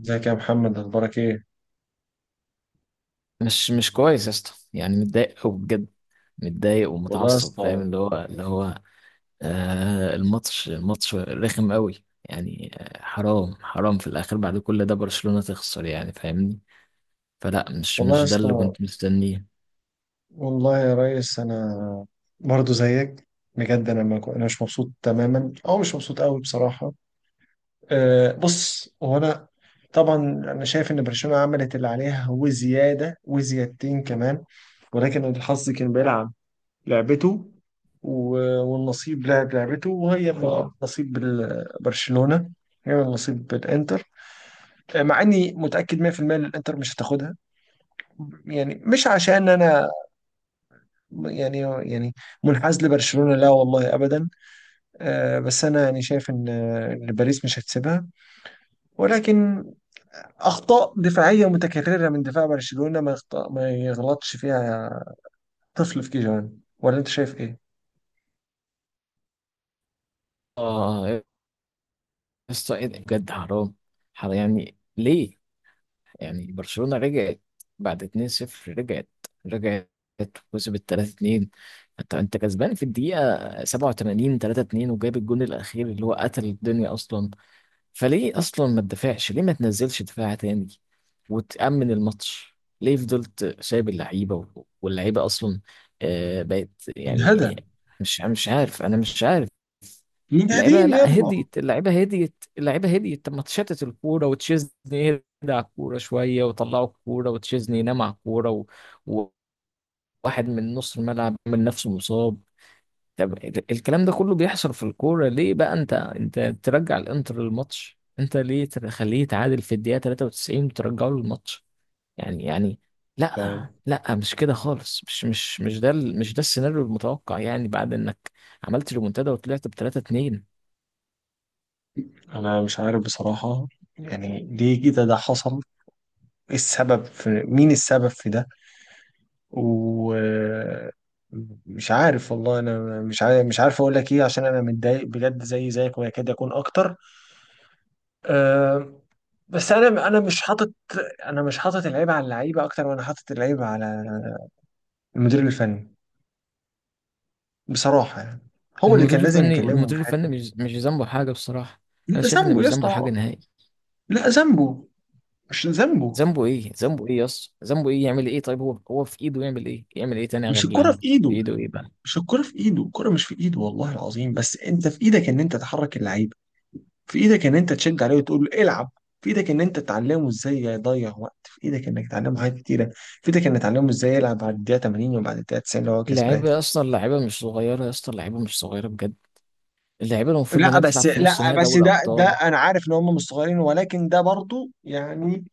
ازيك يا محمد، اخبارك ايه؟ مش كويس يا اسطى، يعني متضايق قوي بجد. متضايق والله يا ومتعصب، فاهم اسطى. اللي هو. الماتش رخم قوي يعني. حرام حرام. في الاخر بعد كل ده برشلونة تخسر، يعني فاهمني؟ فلا، مش والله يا مش ده اللي اسطى. كنت مستنيه. والله يا ريس، انا برضو زيك. بجد انا ما كو- انا مش مبسوط تماما او مش مبسوط قوي بصراحه. أه، بص، هو انا طبعا انا شايف ان برشلونه عملت اللي عليها وزياده وزيادتين كمان، ولكن الحظ كان بيلعب لعبته والنصيب لعب لعبته، وهي من نصيب برشلونه، هي من نصيب الانتر، مع اني متاكد 100% ان الانتر مش هتاخدها، يعني مش عشان انا يعني يعني منحاز لبرشلونة، لا والله ابدا. آه، بس انا يعني شايف ان آه، إن باريس مش هتسيبها، ولكن اخطاء دفاعية متكررة من دفاع برشلونة ما يخطأ ما يغلطش فيها طفل في كيجان، ولا انت شايف ايه؟ اه يا اسطى، إيه ده؟ بجد حرام حرام. يعني ليه؟ يعني برشلونة رجعت بعد 2-0، رجعت وكسبت 3-2. انت كسبان في الدقيقة 87 3-2، وجاب الجون الأخير اللي هو قتل الدنيا أصلا. فليه أصلا ما تدافعش؟ ليه ما تنزلش دفاع تاني وتأمن الماتش؟ ليه فضلت سايب اللعيبة واللعيبة أصلا بقت يعني مجهدة. مش عارف، أنا مش عارف. اللعيبه، مجهدين يا لا، ابني. هديت اللعيبه، هديت اللعيبه، هديت. طب ما تشتت الكوره وتشيزني يهدى على الكوره شويه، ويطلعوا الكوره وتشيزني ينام على الكوره وواحد من نص الملعب من نفسه مصاب. طب الكلام ده كله بيحصل في الكوره ليه بقى؟ انت ترجع الانتر للماتش؟ انت ليه تخليه يتعادل في الدقيقه 93 وترجعه للماتش؟ يعني لا طيب، لا، مش كده خالص. مش ده مش ده السيناريو المتوقع، يعني بعد انك عملت ريمونتادا وطلعت ب 3-2. انا مش عارف بصراحة، يعني ليه كده ده حصل؟ ايه السبب، في مين السبب في ده؟ ومش عارف، والله انا مش عارف، اقول لك ايه، عشان انا متضايق بجد زي زيك ويكاد يكون اكتر. أه، بس انا مش حاطط، انا مش حاطط العيب على اللعيبه اكتر، وانا حاطط العيب على المدير الفني بصراحه، يعني هو اللي كان لازم يكلمه في المدير الفني حته. مش ذنبه حاجه بصراحه. انا لا شايف ان ذنبه مش يا اسطى، ذنبه حاجه نهائي. لا ذنبه، مش ذنبه. ذنبه ايه؟ ذنبه ايه يا اسطى؟ ذنبه ايه؟ يعمل ايه؟ طيب هو، هو في ايده يعمل ايه؟ يعمل ايه تاني مش غير اللي الكره في عمله؟ ايده، في ايده ايه بقى؟ مش الكره في ايده، الكره مش في ايده والله العظيم، بس انت في ايدك ان انت تحرك اللعيبه، في ايدك ان انت تشد عليه وتقول له العب، في ايدك ان انت تعلمه ازاي يضيع وقت، في ايدك انك تعلمه حاجات كتيره، في ايدك انك تعلمه ازاي يلعب بعد الدقيقه 80 وبعد الدقيقه 90 لو هو كسبان. اللعيبه يا اسطى، اللعيبه مش صغيره يا اسطى، اللعيبه مش صغيره بجد. اللعيبه المفروض انها بتلعب في نص لا نهائي بس دوري ده ابطال. انا عارف ان هم مش صغيرين، ولكن ده برضو يعني...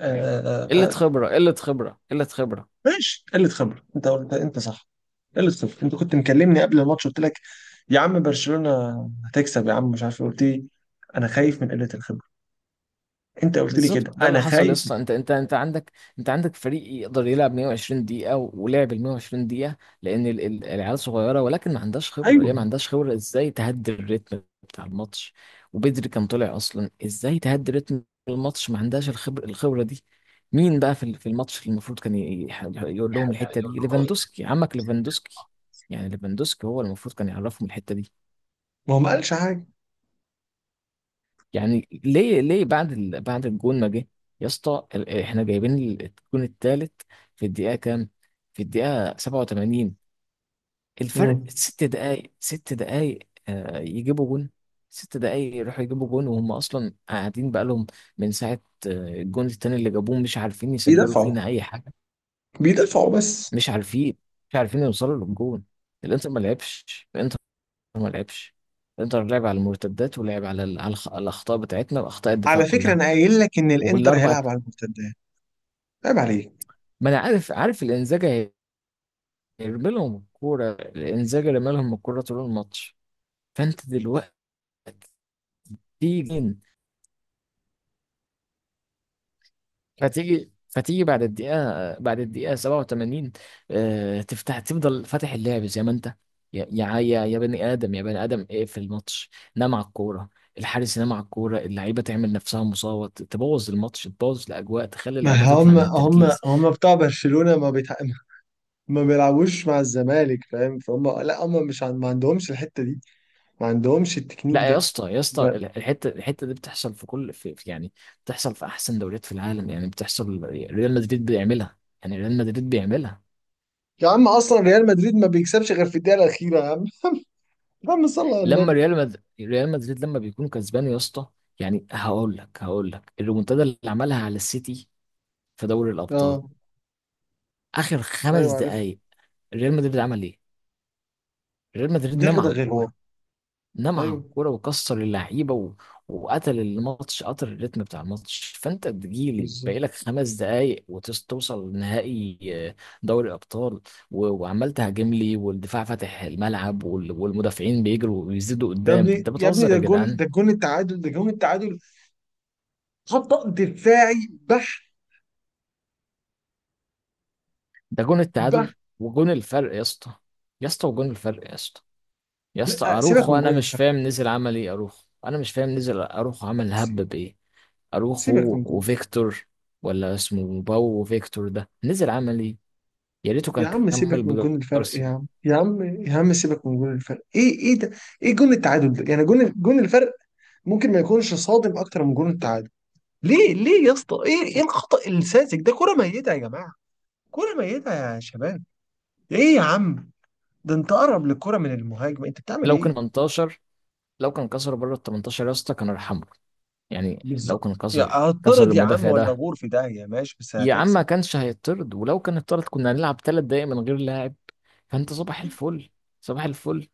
آه، قله آه، آه، خبره، قله خبره، قله خبره. ماشي، قله خبره، انت صح، قله خبره. انت كنت مكلمني قبل الماتش، قلت لك يا عم برشلونه هتكسب، يا عم مش عارف إيه. قلت لي انا خايف من قله الخبره، انت قلت لي بالظبط كده، ده انا اللي حصل يا خايف. اسطى. انت عندك، انت عندك فريق يقدر يلعب 120 دقيقه ولعب ال 120 دقيقه، لان العيال صغيره ولكن ما عندهاش خبره. ايوه، هي ما عندهاش خبره ازاي تهدي الريتم بتاع الماتش. وبدري كان طلع اصلا. ازاي تهدي ريتم الماتش؟ ما عندهاش الخبره، الخبره دي. مين بقى في في الماتش اللي المفروض كان يقول يعني لهم الحته دي؟ ليفاندوسكي، عمك ليفاندوسكي. يعني ليفاندوسكي هو المفروض كان يعرفهم الحته دي. ما هو ما قالش حاجه. يعني ليه؟ ليه بعد بعد الجون ما جه يا اسطى، احنا جايبين الجون الثالث في الدقيقه كام؟ في الدقيقه 87. الفرق مم. ست دقائق، ست دقائق يجيبوا جون. ست دقائق يروحوا يجيبوا جون وهم اصلا قاعدين بقالهم من ساعه. آه، الجون التاني اللي جابوه مش عارفين يسجلوا بيدافعوا فينا اي حاجه. بيدافعوا بس. مش عارفين، مش عارفين يوصلوا للجون. الانتر ما لعبش، الانتر ما لعبش. الانتر لعب على المرتدات ولعب على الاخطاء بتاعتنا واخطاء الدفاع على فكره، كلها. انا قايل لك ان الانتر والاربع. هيلعب على المرتدات، عيب عليك. ما انا عارف، عارف الانزاجة هيرمي لهم الكورة. الانزاجة رمى لهم الكورة طول الماتش. فانت دلوقتي تيجي، فتيجي بعد الدقيقة، بعد الدقيقة 87 تفتح، تفضل فاتح اللعب زي ما انت. يا بني ادم، يا بني ادم، ايه في الماتش؟ نام على الكورة. الحارس ينام على الكورة، اللعيبة تعمل نفسها مصابة، تبوظ الماتش، تبوظ الأجواء، تخلي ما اللعيبة تطلع من التركيز. هم بتاع برشلونة ما بيلعبوش مع الزمالك، فاهم فهم، لا هم مش عن... ما عندهمش الحتة دي، ما عندهمش التكنيك لا يا ده، اسطى، يا اسطى، ب... الحته دي بتحصل في كل يعني بتحصل في احسن دوريات في العالم. يعني بتحصل، ريال مدريد بيعملها، يعني ريال مدريد بيعملها. يا عم اصلا ريال مدريد ما بيكسبش غير في الدقيقة الأخيرة يا عم. يا عم صلى على لما النبي. ريال مدريد لما بيكون كسبان يا اسطى، يعني هقول لك، هقول لك الريمونتادا اللي عملها على السيتي في دوري الابطال، اه، اخر خمس ايوه عارف، دقائق ريال مدريد عمل ايه؟ ريال مدريد نام على دغدغ الوضع، الكوره. نام على ايوه الكوره وكسر اللعيبه وقتل الماتش، قتل الريتم بتاع الماتش. فانت تجيلي باقي بالظبط. لك 5 دقايق وتوصل لنهائي آه، دوري الابطال. وعمال تهاجم لي، والدفاع فاتح الملعب، والمدافعين بيجروا ويزيدوا يا قدام. ابني انت يا ابني، بتهزر ده يا الجون، جدعان. ده الجون التعادل، ده جون التعادل، خط دفاعي بح، ده جون التعادل بح. وجون الفرق يا اسطى. يا اسطى، وجون الفرق يا اسطى. يا اسطى لا سيبك اروخو، من انا جون مش الفرق، فاهم نزل عمل ايه. اروخو، انا مش فاهم نزل اروخو عمل هب سي- بايه. سيبك اروخو من جون، وفيكتور، ولا اسمه باو وفيكتور، ده نزل عملي. يا ريته يا كان عم كمل سيبك من جون الفرق، يا بجارسيا. عم، يا عم، يا عم سيبك من جون الفرق. ايه ايه ده؟ ايه جون التعادل ده؟ يعني جون الفرق ممكن ما يكونش صادم اكتر من جون التعادل؟ ليه ليه يا اسطى؟ ايه ايه الخطأ الساذج ده؟ كرة ميتة يا جماعة، كرة ميتة يا شباب. ايه يا عم، ده انت اقرب للكرة من المهاجم، انت بتعمل لو ايه؟ كان 18، لو كان كسر بره ال 18 يا اسطى، كان ارحمه. يعني لو بالظبط، كان يا كسر، كسر هتطرد يا عم المدافع ولا ده، غور في داهية، ماشي بس يا عم هتكسب، ما كانش هيطرد. ولو كان اتطرد كنا هنلعب 3 دقايق من غير لاعب. فانت صباح عادي. الفل، صباح الفل،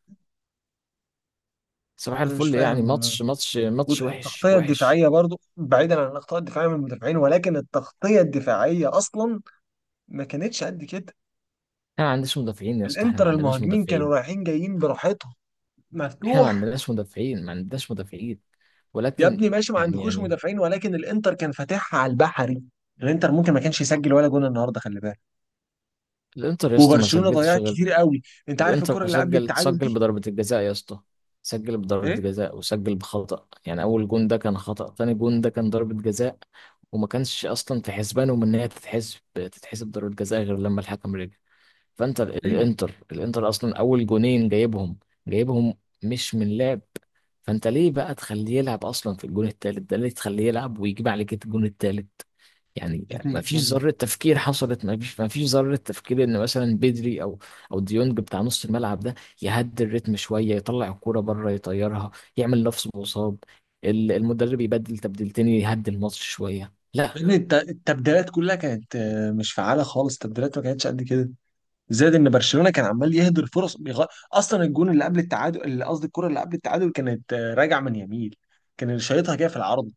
صباح انا مش الفل. يعني فاهم. ماتش ماتش وحش، والتغطية وحش. الدفاعية برضو بعيدا عن الأخطاء الدفاعية من المدافعين، ولكن التغطية الدفاعية أصلا ما كانتش قد كده، احنا ما عندناش مدافعين يا اسطى، احنا ما الإنتر عندناش المهاجمين مدافعين. كانوا رايحين جايين براحتهم، احنا ما مفتوح. عندناش مدافعين، ما عندناش مدافعين. يا ولكن ابني ماشي ما يعني عندكوش يعني مدافعين، ولكن الإنتر كان فاتحها على البحري، الإنتر ممكن ما كانش يسجل ولا جون النهارده، خلي بالك، الانتر يا اسطى ما وبرشلونة سجلتش ضيعت غير. كتير قوي. أنت عارف الكرة الانتر اللي قبل سجل، التعادل سجل دي بضربة الجزاء يا اسطى. سجل إيه؟ بضربة جزاء وسجل بخطأ. يعني اول جون ده كان خطأ، تاني جون ده كان ضربة جزاء. وما كانش اصلا في حسبانهم ان هي تتحسب، تتحسب ضربة جزاء غير لما الحكم رجع. فانت ال- ايوه. الانتر الانتر اصلا اول جونين جايبهم، جايبهم مش من لعب. فانت ليه بقى تخليه يلعب اصلا في الجون التالت ده؟ ليه تخليه يلعب ويجيب عليك الجون التالت؟ يعني يا ما ابني يا فيش ابني ذرة تفكير حصلت. ما فيش ذرة تفكير ان مثلا بدري او، او ديونج بتاع نص الملعب ده يهدي الريتم شوية، يطلع الكورة بره يطيرها، يعمل لفظ مصاب، المدرب يبدل تبديلتين يهدي الماتش شوية. يا لا. ابني، التبديلات كلها كانت مش فعالة خالص، التبديلات ما كانتش قد كده، زائد ان برشلونه كان عمال يهدر فرص اصلا الجون اللي قبل التعادل، اللي قصدي الكره اللي قبل التعادل، كانت راجعه من يميل، كان اللي شايطها كده في العرض،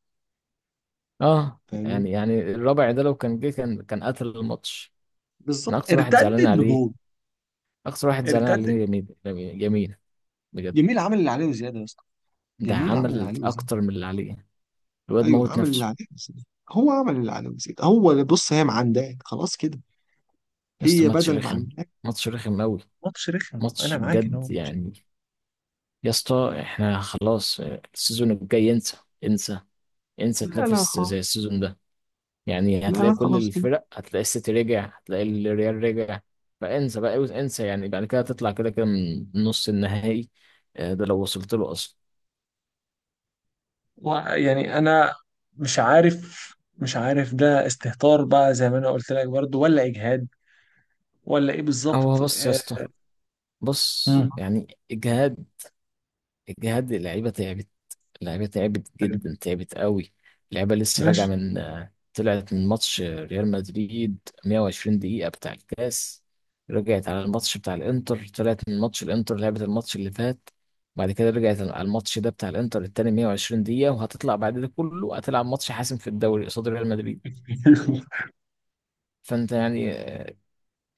اه، فاهمني؟ يعني يعني الرابع ده لو كان جه كان، كان قتل الماتش. انا بالظبط، اكتر واحد ارتدت زعلان عليه. بجول، اكتر واحد زعلان ارتد. عليه يمين. يمين، بجد. جميل عمل اللي عليه وزياده يا اسطى، ده جميل عمل اللي عمل عليه وزياده، اكتر من اللي عليه. الواد ايوه موت عمل اللي نفسه. عليه وزياده، هو عمل اللي عليه وزياده، هو اللي بص هي معنداك خلاص كده، يا اسطى هي ماتش بدل ما رخم، عندك. ماتش رخم قوي. ماتش رخم، ماتش انا معاك ان هو بجد ماتش، يعني. يا اسطى احنا خلاص السيزون الجاي انسى، انسى. انسى لا لا تنافس خلاص، زي السيزون ده. يعني لا هتلاقي لا كل خلاص. الفرق، هتلاقي السيتي رجع، هتلاقي الريال رجع. فانسى بقى، انسى. يعني بعد كده هتطلع كده كده من نص النهائي ده لو وصلت له اصلا. ويعني انا مش عارف، ده استهتار بقى زي ما انا قلت لك برضو، ولا اجهاد، ولا ايه هو بالظبط، بص يا اسطى، بص، مم. يعني الجهاد، الجهاد اللعيبه تعبت. اللعيبة تعبت جدا، تعبت قوي. اللعيبة لسه راجعة ماشي. من طلعت من ماتش ريال مدريد، 120 دقيقة بتاع الكاس. رجعت على الماتش بتاع الانتر، طلعت من ماتش الانتر، لعبت الماتش اللي فات. بعد كده رجعت على الماتش ده بتاع الانتر التاني، 120 دقيقة. وهتطلع بعد ده كله هتلعب ماتش حاسم في الدوري قصاد ريال مدريد. فانت يعني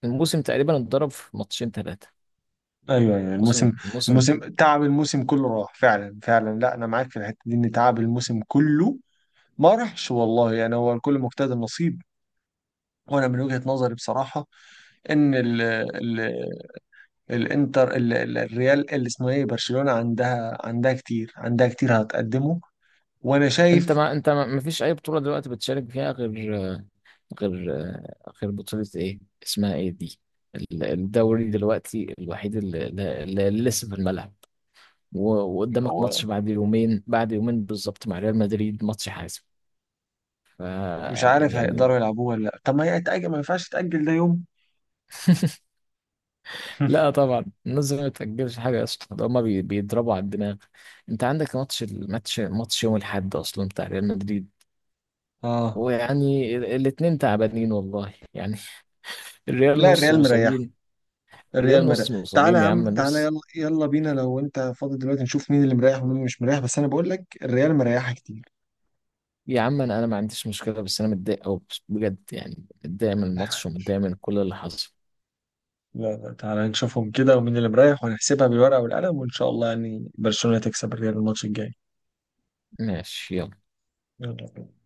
الموسم تقريبا اتضرب في ماتشين، ثلاثة. ايوه، ايوه الموسم، الموسم. الموسم تعب، الموسم كله راح فعلا فعلا، لا انا معاك في الحته دي ان تعب الموسم كله ما راحش، والله يعني هو الكل مجتهد، النصيب. وانا من وجهه نظري بصراحه ان ال ال الانتر ال ال الريال اللي اسمه ايه برشلونه عندها، عندها كتير، عندها كتير هتقدمه، وانا انت شايف ما انت ما فيش اي بطولة دلوقتي بتشارك فيها غير، غير غير بطولة ايه اسمها ايه دي؟ الدوري دلوقتي الوحيد اللي، اللي لسه في الملعب. وقدامك هو. ماتش بعد يومين، بعد يومين بالظبط، مع ريال مدريد، ماتش حاسم. ف مش عارف يعني. هيقدروا يلعبوه ولا لا؟ طب ما هي يتأجل، ما ينفعش تأجل ده يوم؟ لا طبعا، الناس ما بتأجلش حاجة يا اسطى. ده هما بيضربوا على الدماغ. انت عندك ماتش، الماتش يوم الاحد اصلا بتاع ريال مدريد. اه، ويعني الاتنين تعبانين والله يعني. الريال لا نص الريال مريح، مصابين. الريال الريال مريح. نص تعالى مصابين يا يا عم عم، تعالى، النص. يلا يلا بينا لو انت فاضي دلوقتي نشوف مين اللي مريح ومين مش مريح، بس انا بقول لك الريال مريحه كتير. يا عم انا، ما عنديش مشكله، بس انا متضايق او بجد يعني. متضايق من الماتش ومتضايق من كل اللي حصل. لا لا تعالى نشوفهم كده ومين اللي مريح، ونحسبها بالورقة والقلم، وان شاء الله يعني برشلونة تكسب الريال الماتش الجاي. ماشي، يلا. يلا بينا.